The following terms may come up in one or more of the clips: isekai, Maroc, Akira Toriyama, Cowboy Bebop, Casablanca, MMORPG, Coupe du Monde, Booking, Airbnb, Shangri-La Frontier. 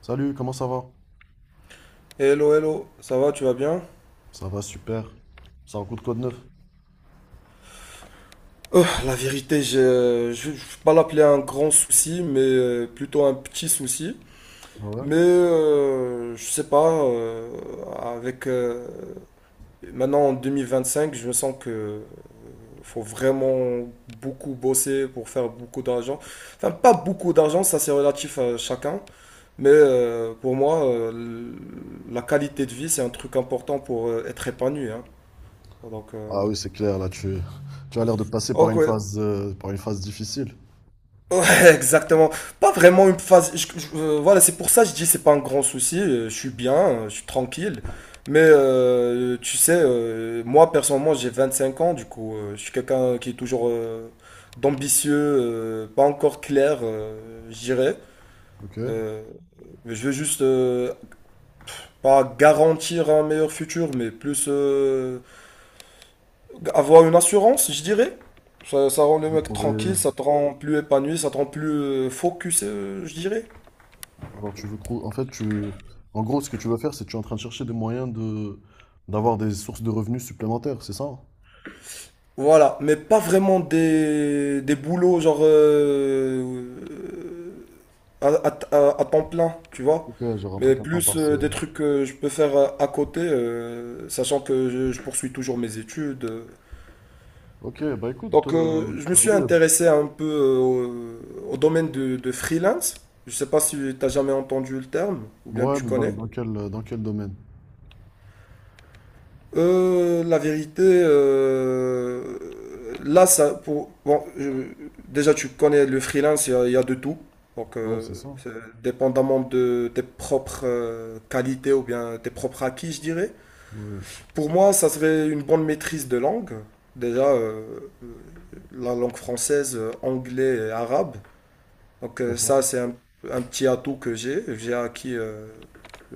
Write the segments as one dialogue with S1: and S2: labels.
S1: Salut, comment ça va?
S2: Hello, hello, ça va, tu vas bien?
S1: Ça va super. C'est un coup de code neuf.
S2: La vérité, je ne vais pas l'appeler un grand souci, mais plutôt un petit souci.
S1: Ah ouais.
S2: Mais je sais pas, avec maintenant en 2025, je me sens que faut vraiment beaucoup bosser pour faire beaucoup d'argent. Enfin, pas beaucoup d'argent, ça c'est relatif à chacun, mais pour moi, la qualité de vie, c'est un truc important pour être épanoui, hein. Donc,
S1: Ah oui, c'est clair, tu as l'air de passer par
S2: ok,
S1: une
S2: ouais.
S1: phase difficile.
S2: Ouais, exactement. Pas vraiment une phase. Voilà, c'est pour ça que je dis c'est pas un grand souci. Je suis bien, je suis tranquille. Mais tu sais, moi personnellement, j'ai 25 ans. Du coup, je suis quelqu'un qui est toujours d'ambitieux, pas encore clair, je dirais.
S1: Ok. Tu
S2: Euh, mais je veux juste pas garantir un meilleur futur, mais plus avoir une assurance, je dirais. Ça rend le
S1: veux
S2: mec
S1: trouver.
S2: tranquille, ça te rend plus épanoui, ça te rend plus focus, je dirais.
S1: Alors tu veux trouver. En fait, tu. En gros, ce que tu veux faire, c'est que tu es en train de chercher des moyens de d'avoir des sources de revenus supplémentaires, c'est ça?
S2: Voilà, mais pas vraiment des boulots genre à temps plein, tu vois.
S1: Ok, j'ai rentré
S2: Mais
S1: qu'un temps
S2: plus des
S1: partiel.
S2: trucs que je peux faire à côté, sachant que je poursuis toujours mes études.
S1: Ok, bah écoute,
S2: Donc je me suis
S1: aujourd'hui.
S2: intéressé un peu au domaine de freelance. Je sais pas si tu as jamais entendu le terme, ou bien
S1: Ouais,
S2: tu
S1: mais dans,
S2: connais.
S1: dans quel dans quel domaine?
S2: La vérité, là, ça, pour, bon, déjà, tu connais le freelance, il y a de tout. Donc,
S1: Ouais, c'est ça.
S2: c'est dépendamment de tes propres qualités ou bien tes propres acquis, je dirais.
S1: Ouais,
S2: Pour moi, ça serait une bonne maîtrise de langue. Déjà, la langue française, anglais et arabe. Donc, ça,
S1: d'accord.
S2: c'est un petit atout que j'ai acquis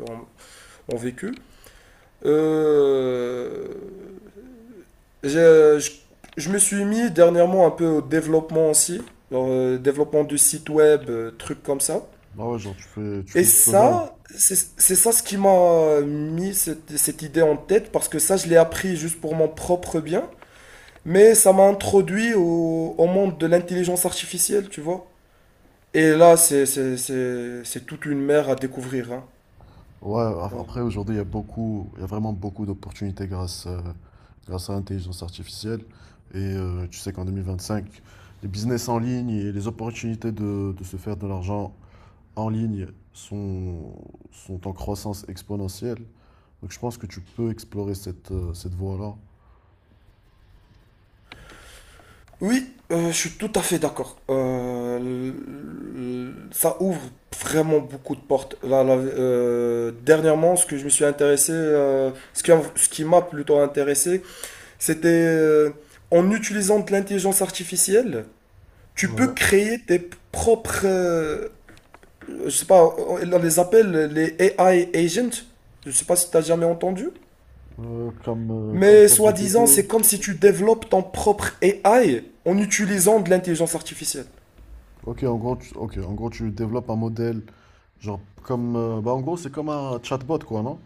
S2: en, en vécu. Euh, Je, je, je me suis mis dernièrement un peu au développement aussi, genre, développement du site web, trucs comme ça.
S1: Ah ouais, genre tu
S2: Et
S1: fais du codage.
S2: ça, c'est ça ce qui m'a mis cette idée en tête, parce que ça, je l'ai appris juste pour mon propre bien, mais ça m'a introduit au monde de l'intelligence artificielle, tu vois. Et là, c'est toute une mer à découvrir,
S1: Ouais, après
S2: hein.
S1: aujourd'hui, il y a vraiment beaucoup d'opportunités grâce à l'intelligence artificielle. Et tu sais qu'en 2025, les business en ligne et les opportunités de se faire de l'argent en ligne sont, sont en croissance exponentielle. Donc je pense que tu peux explorer cette voie-là.
S2: Oui, je suis tout à fait d'accord. Ça ouvre vraiment beaucoup de portes. Dernièrement, ce que je me suis intéressé, ce qui m'a plutôt intéressé, c'était en utilisant de l'intelligence artificielle, tu peux
S1: Ouais.
S2: créer tes propres, je sais pas, on les appelle les AI agents. Je sais pas si tu as jamais entendu.
S1: Euh, comme, Comme
S2: Mais soi-disant,
S1: ChatGPT.
S2: c'est comme si tu développes ton propre AI en utilisant de l'intelligence artificielle.
S1: Ok, en gros, tu développes un modèle, genre comme, bah en gros, c'est comme un chatbot, quoi, non?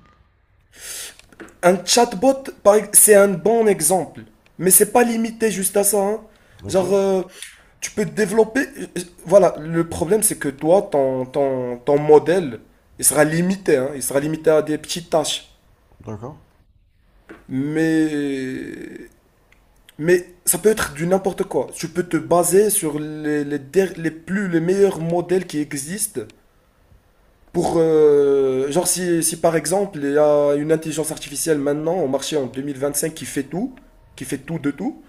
S2: Un chatbot, c'est un bon exemple, mais c'est pas limité juste à ça, hein.
S1: Ok,
S2: Genre, tu peux développer. Voilà, le problème c'est que toi, ton modèle, il sera limité, hein. Il sera limité à des petites tâches.
S1: d'accord.
S2: Mais, mais ça peut être du n'importe quoi. Tu peux te baser sur les, der- les plus, les meilleurs modèles qui existent pour, genre, si par exemple, il y a une intelligence artificielle maintenant au marché en 2025 qui fait tout de tout,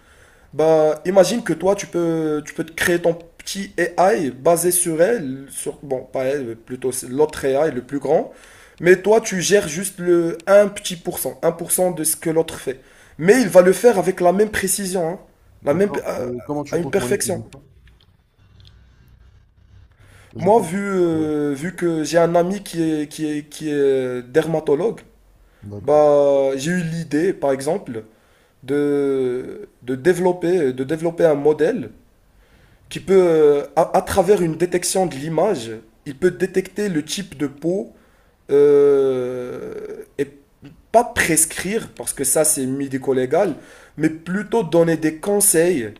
S2: bah, imagine que toi, tu peux te créer ton petit AI basé sur elle, sur, bon, pas elle, plutôt c'est l'autre AI, le plus grand, mais toi, tu gères juste le un petit pour cent un pour cent de ce que l'autre fait. Mais il va le faire avec la même précision, hein, la même,
S1: D'accord. Et comment tu
S2: à une
S1: comptes monnaie tous les
S2: perfection.
S1: fois? Genre
S2: Moi,
S1: comme… Ouais.
S2: vu que j'ai un ami qui est dermatologue,
S1: D'accord.
S2: bah, j'ai eu l'idée, par exemple, de développer un modèle qui peut, à travers une détection de l'image, il peut détecter le type de peau et pas prescrire, parce que ça c'est médico-légal, mais plutôt donner des conseils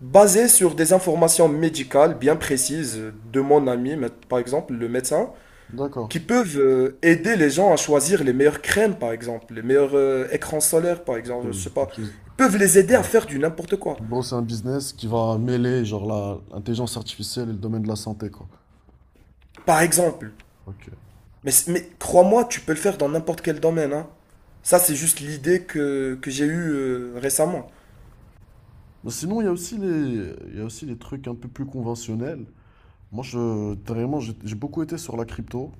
S2: basés sur des informations médicales bien précises de mon ami, par exemple, le médecin
S1: D'accord.
S2: qui peuvent aider les gens à choisir les meilleures crèmes, par exemple, les meilleurs écrans solaires, par exemple,
S1: Ok,
S2: je sais pas.
S1: quelque chose-
S2: Ils peuvent les aider à
S1: ouais.
S2: faire du n'importe quoi.
S1: En gros, c'est un business qui va mêler genre l'intelligence artificielle et le domaine de la santé, quoi.
S2: Par exemple.
S1: Ok.
S2: Mais crois-moi, tu peux le faire dans n'importe quel domaine, hein. Ça, c'est juste l'idée que j'ai eue récemment.
S1: Mais sinon, il y a aussi les trucs un peu plus conventionnels. Moi, je, vraiment, j'ai beaucoup été sur la crypto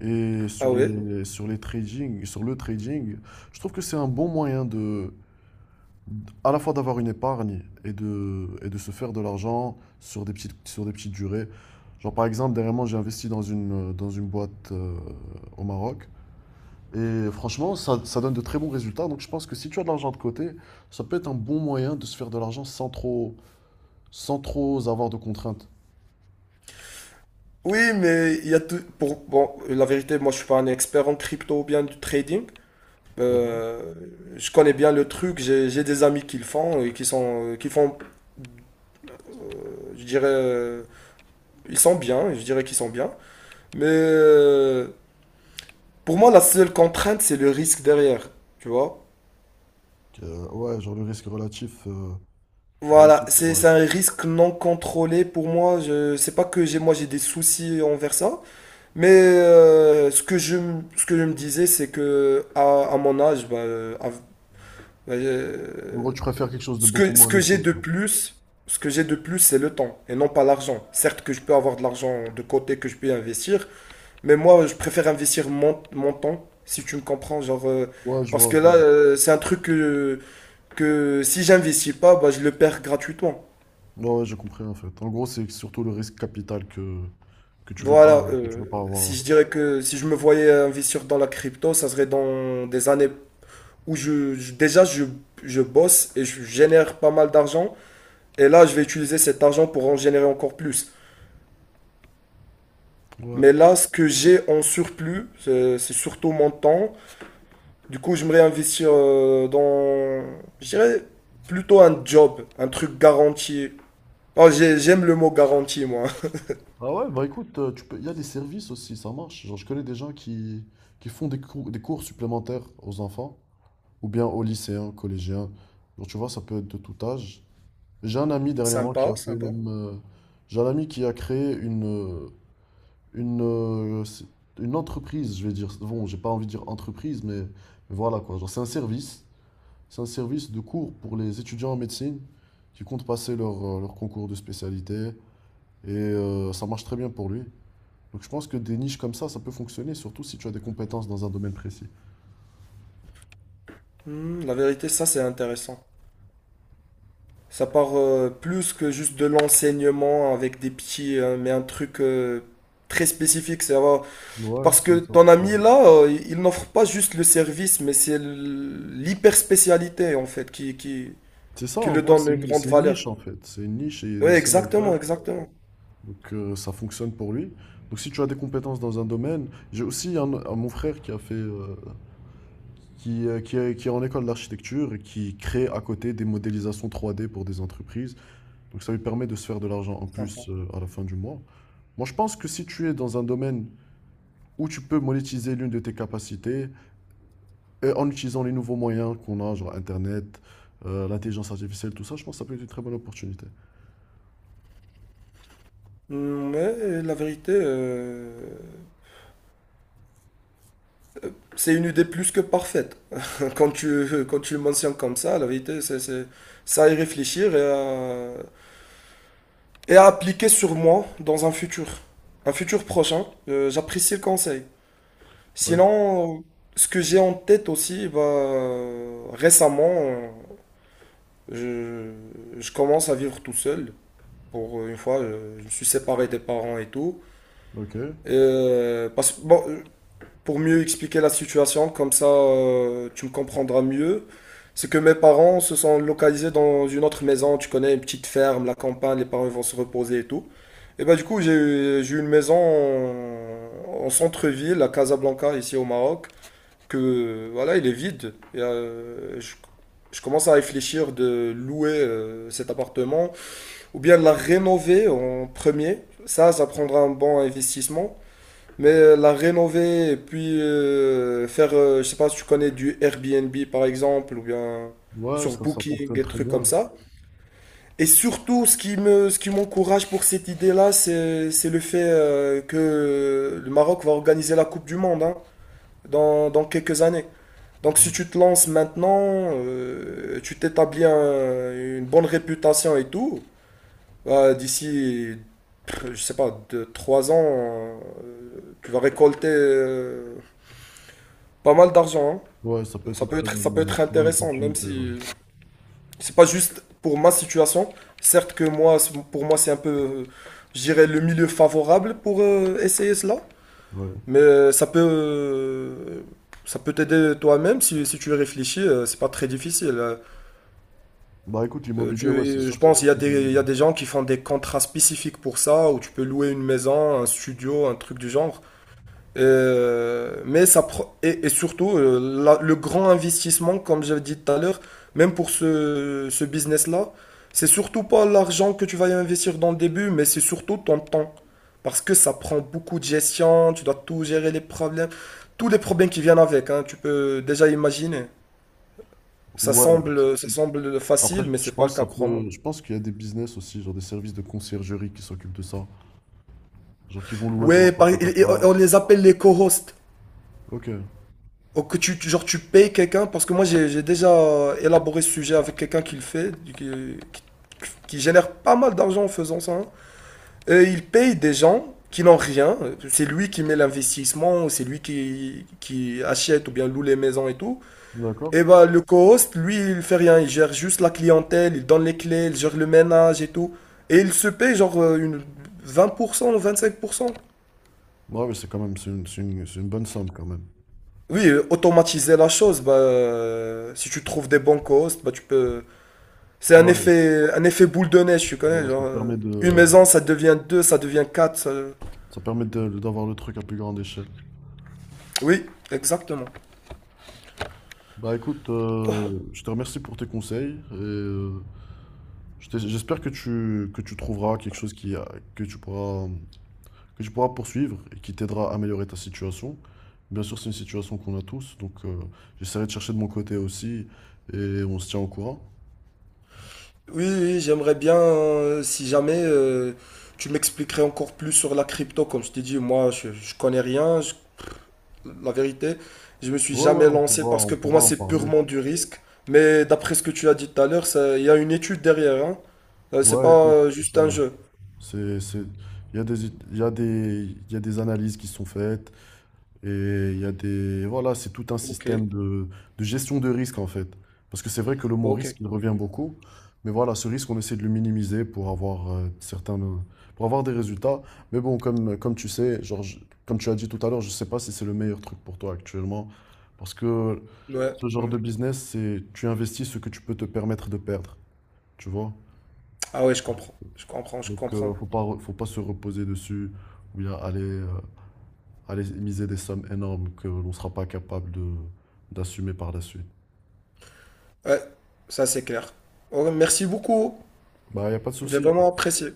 S1: et
S2: Ah
S1: sur
S2: ouais?
S1: les trading, sur le trading. Je trouve que c'est un bon moyen de, à la fois d'avoir une épargne et et de se faire de l'argent sur sur des petites durées. Genre par exemple, dernièrement, j'ai investi dans dans une boîte au Maroc. Et franchement, ça donne de très bons résultats. Donc je pense que si tu as de l'argent de côté, ça peut être un bon moyen de se faire de l'argent sans trop avoir de contraintes.
S2: Oui, mais il y a tout. Pour, bon, la vérité, moi, je suis pas un expert en crypto ou bien du trading.
S1: D'accord.
S2: Euh, je connais bien le truc. J'ai des amis qui le font et qui sont, qui font, je dirais, ils sont bien. Je dirais qu'ils sont bien. Mais pour moi, la seule contrainte, c'est le risque derrière, tu vois.
S1: Ouais, genre le risque relatif.
S2: Voilà,
S1: Relatif,
S2: c'est
S1: ouais.
S2: c'est un risque non contrôlé pour moi. Je sais pas que j'ai moi j'ai des soucis envers ça, mais ce que je me disais c'est que à mon âge, bah, bah,
S1: En
S2: euh,
S1: gros, tu préfères quelque chose de
S2: ce
S1: beaucoup
S2: que ce
S1: moins
S2: que j'ai
S1: risqué,
S2: de
S1: quoi.
S2: plus, ce que j'ai de plus c'est le temps et non pas l'argent. Certes que je peux avoir de l'argent de côté que je peux investir, mais moi, je préfère investir mon temps, si tu me comprends. Genre,
S1: Ouais, je
S2: parce
S1: vois,
S2: que
S1: je
S2: là,
S1: vois.
S2: c'est un truc que si j'investis pas, bah, je le perds gratuitement.
S1: Ouais, ouais, j'ai compris en fait. En gros, c'est surtout le risque capital
S2: Voilà.
S1: que tu veux pas avoir
S2: Si
S1: là.
S2: je dirais que si je me voyais investir dans la crypto, ça serait dans des années où je bosse et je génère pas mal d'argent. Et là, je vais utiliser cet argent pour en générer encore plus.
S1: Ouais.
S2: Mais là, ce que j'ai en surplus, c'est surtout mon temps. Du coup, j'aimerais investir dans, je dirais, plutôt un job, un truc garanti. Oh, j'aime le mot garanti, moi.
S1: Ah ouais, bah écoute, tu peux… il y a des services aussi, ça marche. Genre, je connais des gens qui font des cours supplémentaires aux enfants, ou bien aux lycéens, collégiens. Genre, tu vois, ça peut être de tout âge. J'ai un ami dernièrement
S2: Sympa,
S1: qui a fait
S2: sympa.
S1: même. J'ai un ami qui a créé une, euh, c'est- une entreprise, je vais dire. Bon, j'ai pas envie de dire entreprise, mais voilà quoi. Genre, c'est un service. C'est un service de cours pour les étudiants en médecine qui comptent passer leur concours de spécialité. Et ça marche très bien pour lui. Donc je pense que des niches comme ça peut fonctionner, surtout si tu as des compétences dans un domaine précis.
S2: Hmm, la vérité, ça, c'est intéressant. Ça part plus que juste de l'enseignement avec des petits, mais un truc très spécifique. Ça va.
S1: Ouais,
S2: Parce que
S1: c'est ça.
S2: ton ami, là, il n'offre pas juste le service, mais c'est l'hyper spécialité, en fait, qui, qui,
S1: C'est ça,
S2: qui
S1: en
S2: le
S1: gros,
S2: donne une grande
S1: c'est une
S2: valeur.
S1: niche en fait. C'est une niche et il est
S2: Oui,
S1: le seul à le
S2: exactement,
S1: faire.
S2: exactement.
S1: Donc ça fonctionne pour lui. Donc si tu as des compétences dans un domaine, j'ai aussi mon frère qui a fait, qui est en école d'architecture et qui crée à côté des modélisations 3D pour des entreprises. Donc ça lui permet de se faire de l'argent en
S2: Sympa.
S1: plus à la fin du mois. Moi je pense que si tu es dans un domaine où tu peux monétiser l'une de tes capacités et en utilisant les nouveaux moyens qu'on a, genre Internet, l'intelligence artificielle, tout ça, je pense que ça peut être une très bonne opportunité.
S2: Mm, mais la vérité, c'est une idée plus que parfaite. Quand tu le mentionnes comme ça, la vérité, c'est à y réfléchir et à appliquer sur moi dans un futur prochain. J'apprécie le conseil.
S1: Bah, écoute,
S2: Sinon, ce que j'ai en tête aussi, bah, récemment, je, je commence à vivre tout seul. Pour une fois, je me suis séparé des parents et tout.
S1: ok.
S2: Parce, bon, pour mieux expliquer la situation, comme ça tu me comprendras mieux. C'est que mes parents se sont localisés dans une autre maison, tu connais, une petite ferme, la campagne, les parents vont se reposer et tout. Et bah du coup, j'ai eu une maison en centre-ville, à Casablanca, ici au Maroc, que voilà, il est vide. Et, je commence à réfléchir de louer cet appartement, ou bien de la rénover en premier. Ça prendra un bon investissement. Mais la rénover et puis faire, je sais pas si tu connais du Airbnb par exemple, ou bien
S1: Ouais,
S2: sur
S1: ça
S2: Booking,
S1: fonctionne
S2: des
S1: très
S2: trucs comme
S1: bien.
S2: ça. Et surtout, ce qui m'encourage pour cette idée-là, c'est le fait que le Maroc va organiser la Coupe du Monde, hein, dans quelques années. Donc si
S1: Ouais,
S2: tu te lances maintenant, une bonne réputation et tout, bah, d'ici, pff, je sais pas, deux, trois ans, tu vas récolter... pas mal d'argent.
S1: ouais, ça
S2: Hein.
S1: peut être une
S2: Ça peut être
S1: très bonne
S2: intéressant, même
S1: opportunité, ouais.
S2: si c'est pas juste pour ma situation. Certes que moi, pour moi, c'est un peu, je dirais, le milieu favorable pour essayer cela.
S1: Ouais.
S2: Mais ça peut t'aider toi-même si tu réfléchis. C'est pas très difficile.
S1: Bah écoute, l'immobilier, ouais, c'est sûr
S2: Je
S1: que c'est
S2: pense qu'il y a
S1: plutôt bon.
S2: il y a des gens qui font des contrats spécifiques pour ça, où tu peux louer une maison, un studio, un truc du genre. Et surtout le grand investissement, comme j'avais dit tout à l'heure, même pour ce business-là, c'est surtout pas l'argent que tu vas y investir dans le début, mais c'est surtout ton temps. Parce que ça prend beaucoup de gestion, tu dois tout gérer les problèmes, tous les problèmes qui viennent avec, hein, tu peux déjà imaginer.
S1: Ouais, c'est- c'est-
S2: Ça semble
S1: après,
S2: facile, mais
S1: je
S2: c'est pas
S1: pense
S2: le
S1: que
S2: cas,
S1: ça
S2: crois-moi.
S1: peut… je pense qu'il y a des business aussi, genre des services de conciergerie qui s'occupent de ça. Genre qui vont louer ton
S2: Ouais,
S1: appart à ta
S2: et
S1: place.
S2: on les appelle les co-hosts.
S1: Ok,
S2: Ou que tu, genre, tu payes quelqu'un, parce que moi j'ai déjà élaboré ce sujet avec quelqu'un qui le fait, qui génère pas mal d'argent en faisant ça, hein. Et il paye des gens qui n'ont rien. C'est lui qui met l'investissement, c'est lui qui achète ou bien loue les maisons et tout.
S1: d'accord.
S2: Et bah le co-host, lui, il fait rien. Il gère juste la clientèle, il donne les clés, il gère le ménage et tout. Et il se paye genre une 20% ou 25%.
S1: Ouais, mais c'est quand même, c'est une bonne somme quand même.
S2: Oui, automatiser la chose, bah, si tu trouves des bons co-hosts, bah, tu peux...
S1: Ouais,
S2: un effet boule de neige, tu connais,
S1: ouais, ça te
S2: genre,
S1: permet
S2: une
S1: de,
S2: maison, ça devient deux, ça devient quatre.
S1: ça permet d'avoir le truc à plus grande échelle.
S2: Oui, exactement.
S1: Bah écoute, je te remercie pour tes conseils et je t'es- j'espère que que tu trouveras quelque chose qui, a- que tu pourras, que tu pourras poursuivre et qui t'aidera à améliorer ta situation. Bien sûr, c'est une situation qu'on a tous, donc j'essaierai de chercher de mon côté aussi et on se tient au courant.
S2: Oui, oui, j'aimerais bien, si jamais tu m'expliquerais encore plus sur la crypto, comme je t'ai dit, moi, je connais rien, la vérité, je me suis jamais lancé parce
S1: On
S2: que pour moi,
S1: pourra en
S2: c'est
S1: parler.
S2: purement du risque. Mais d'après ce que tu as dit tout à l'heure, il y a une étude derrière, hein. C'est
S1: Ouais,
S2: pas
S1: écoute, c'est
S2: juste
S1: ça.
S2: un jeu.
S1: C'est, c'est, il y a des, it- il y a des, il y a des analyses qui sont faites. Et il y a des… Voilà, c'est tout un
S2: Ok,
S1: système de gestion de risque en fait. Parce que c'est vrai que le mot
S2: ok.
S1: risque, il revient beaucoup. Mais voilà, ce risque, on essaie de le minimiser pour avoir pour avoir des résultats. Mais bon, comme tu sais, comme tu as dit tout à l'heure, je ne sais pas si c'est le meilleur truc pour toi actuellement. Parce que
S2: Ouais,
S1: ce genre
S2: ouais.
S1: de business, c'est tu investis ce que tu peux te permettre de perdre. Tu vois?
S2: Ah ouais, je comprends. Je comprends, je
S1: Donc,
S2: comprends.
S1: faut pas se reposer dessus ou bien aller miser des sommes énormes que l'on ne sera pas capable de d'assumer par la suite.
S2: Ouais, ça c'est clair. Ouais, merci beaucoup.
S1: Bah, il n'y a pas de
S2: J'ai
S1: souci. Il
S2: vraiment apprécié.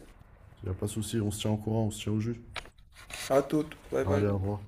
S1: n'y a pas de souci. On se tient au courant, on se tient au jus.
S2: À toutes. Bye bye.
S1: Allez, au revoir.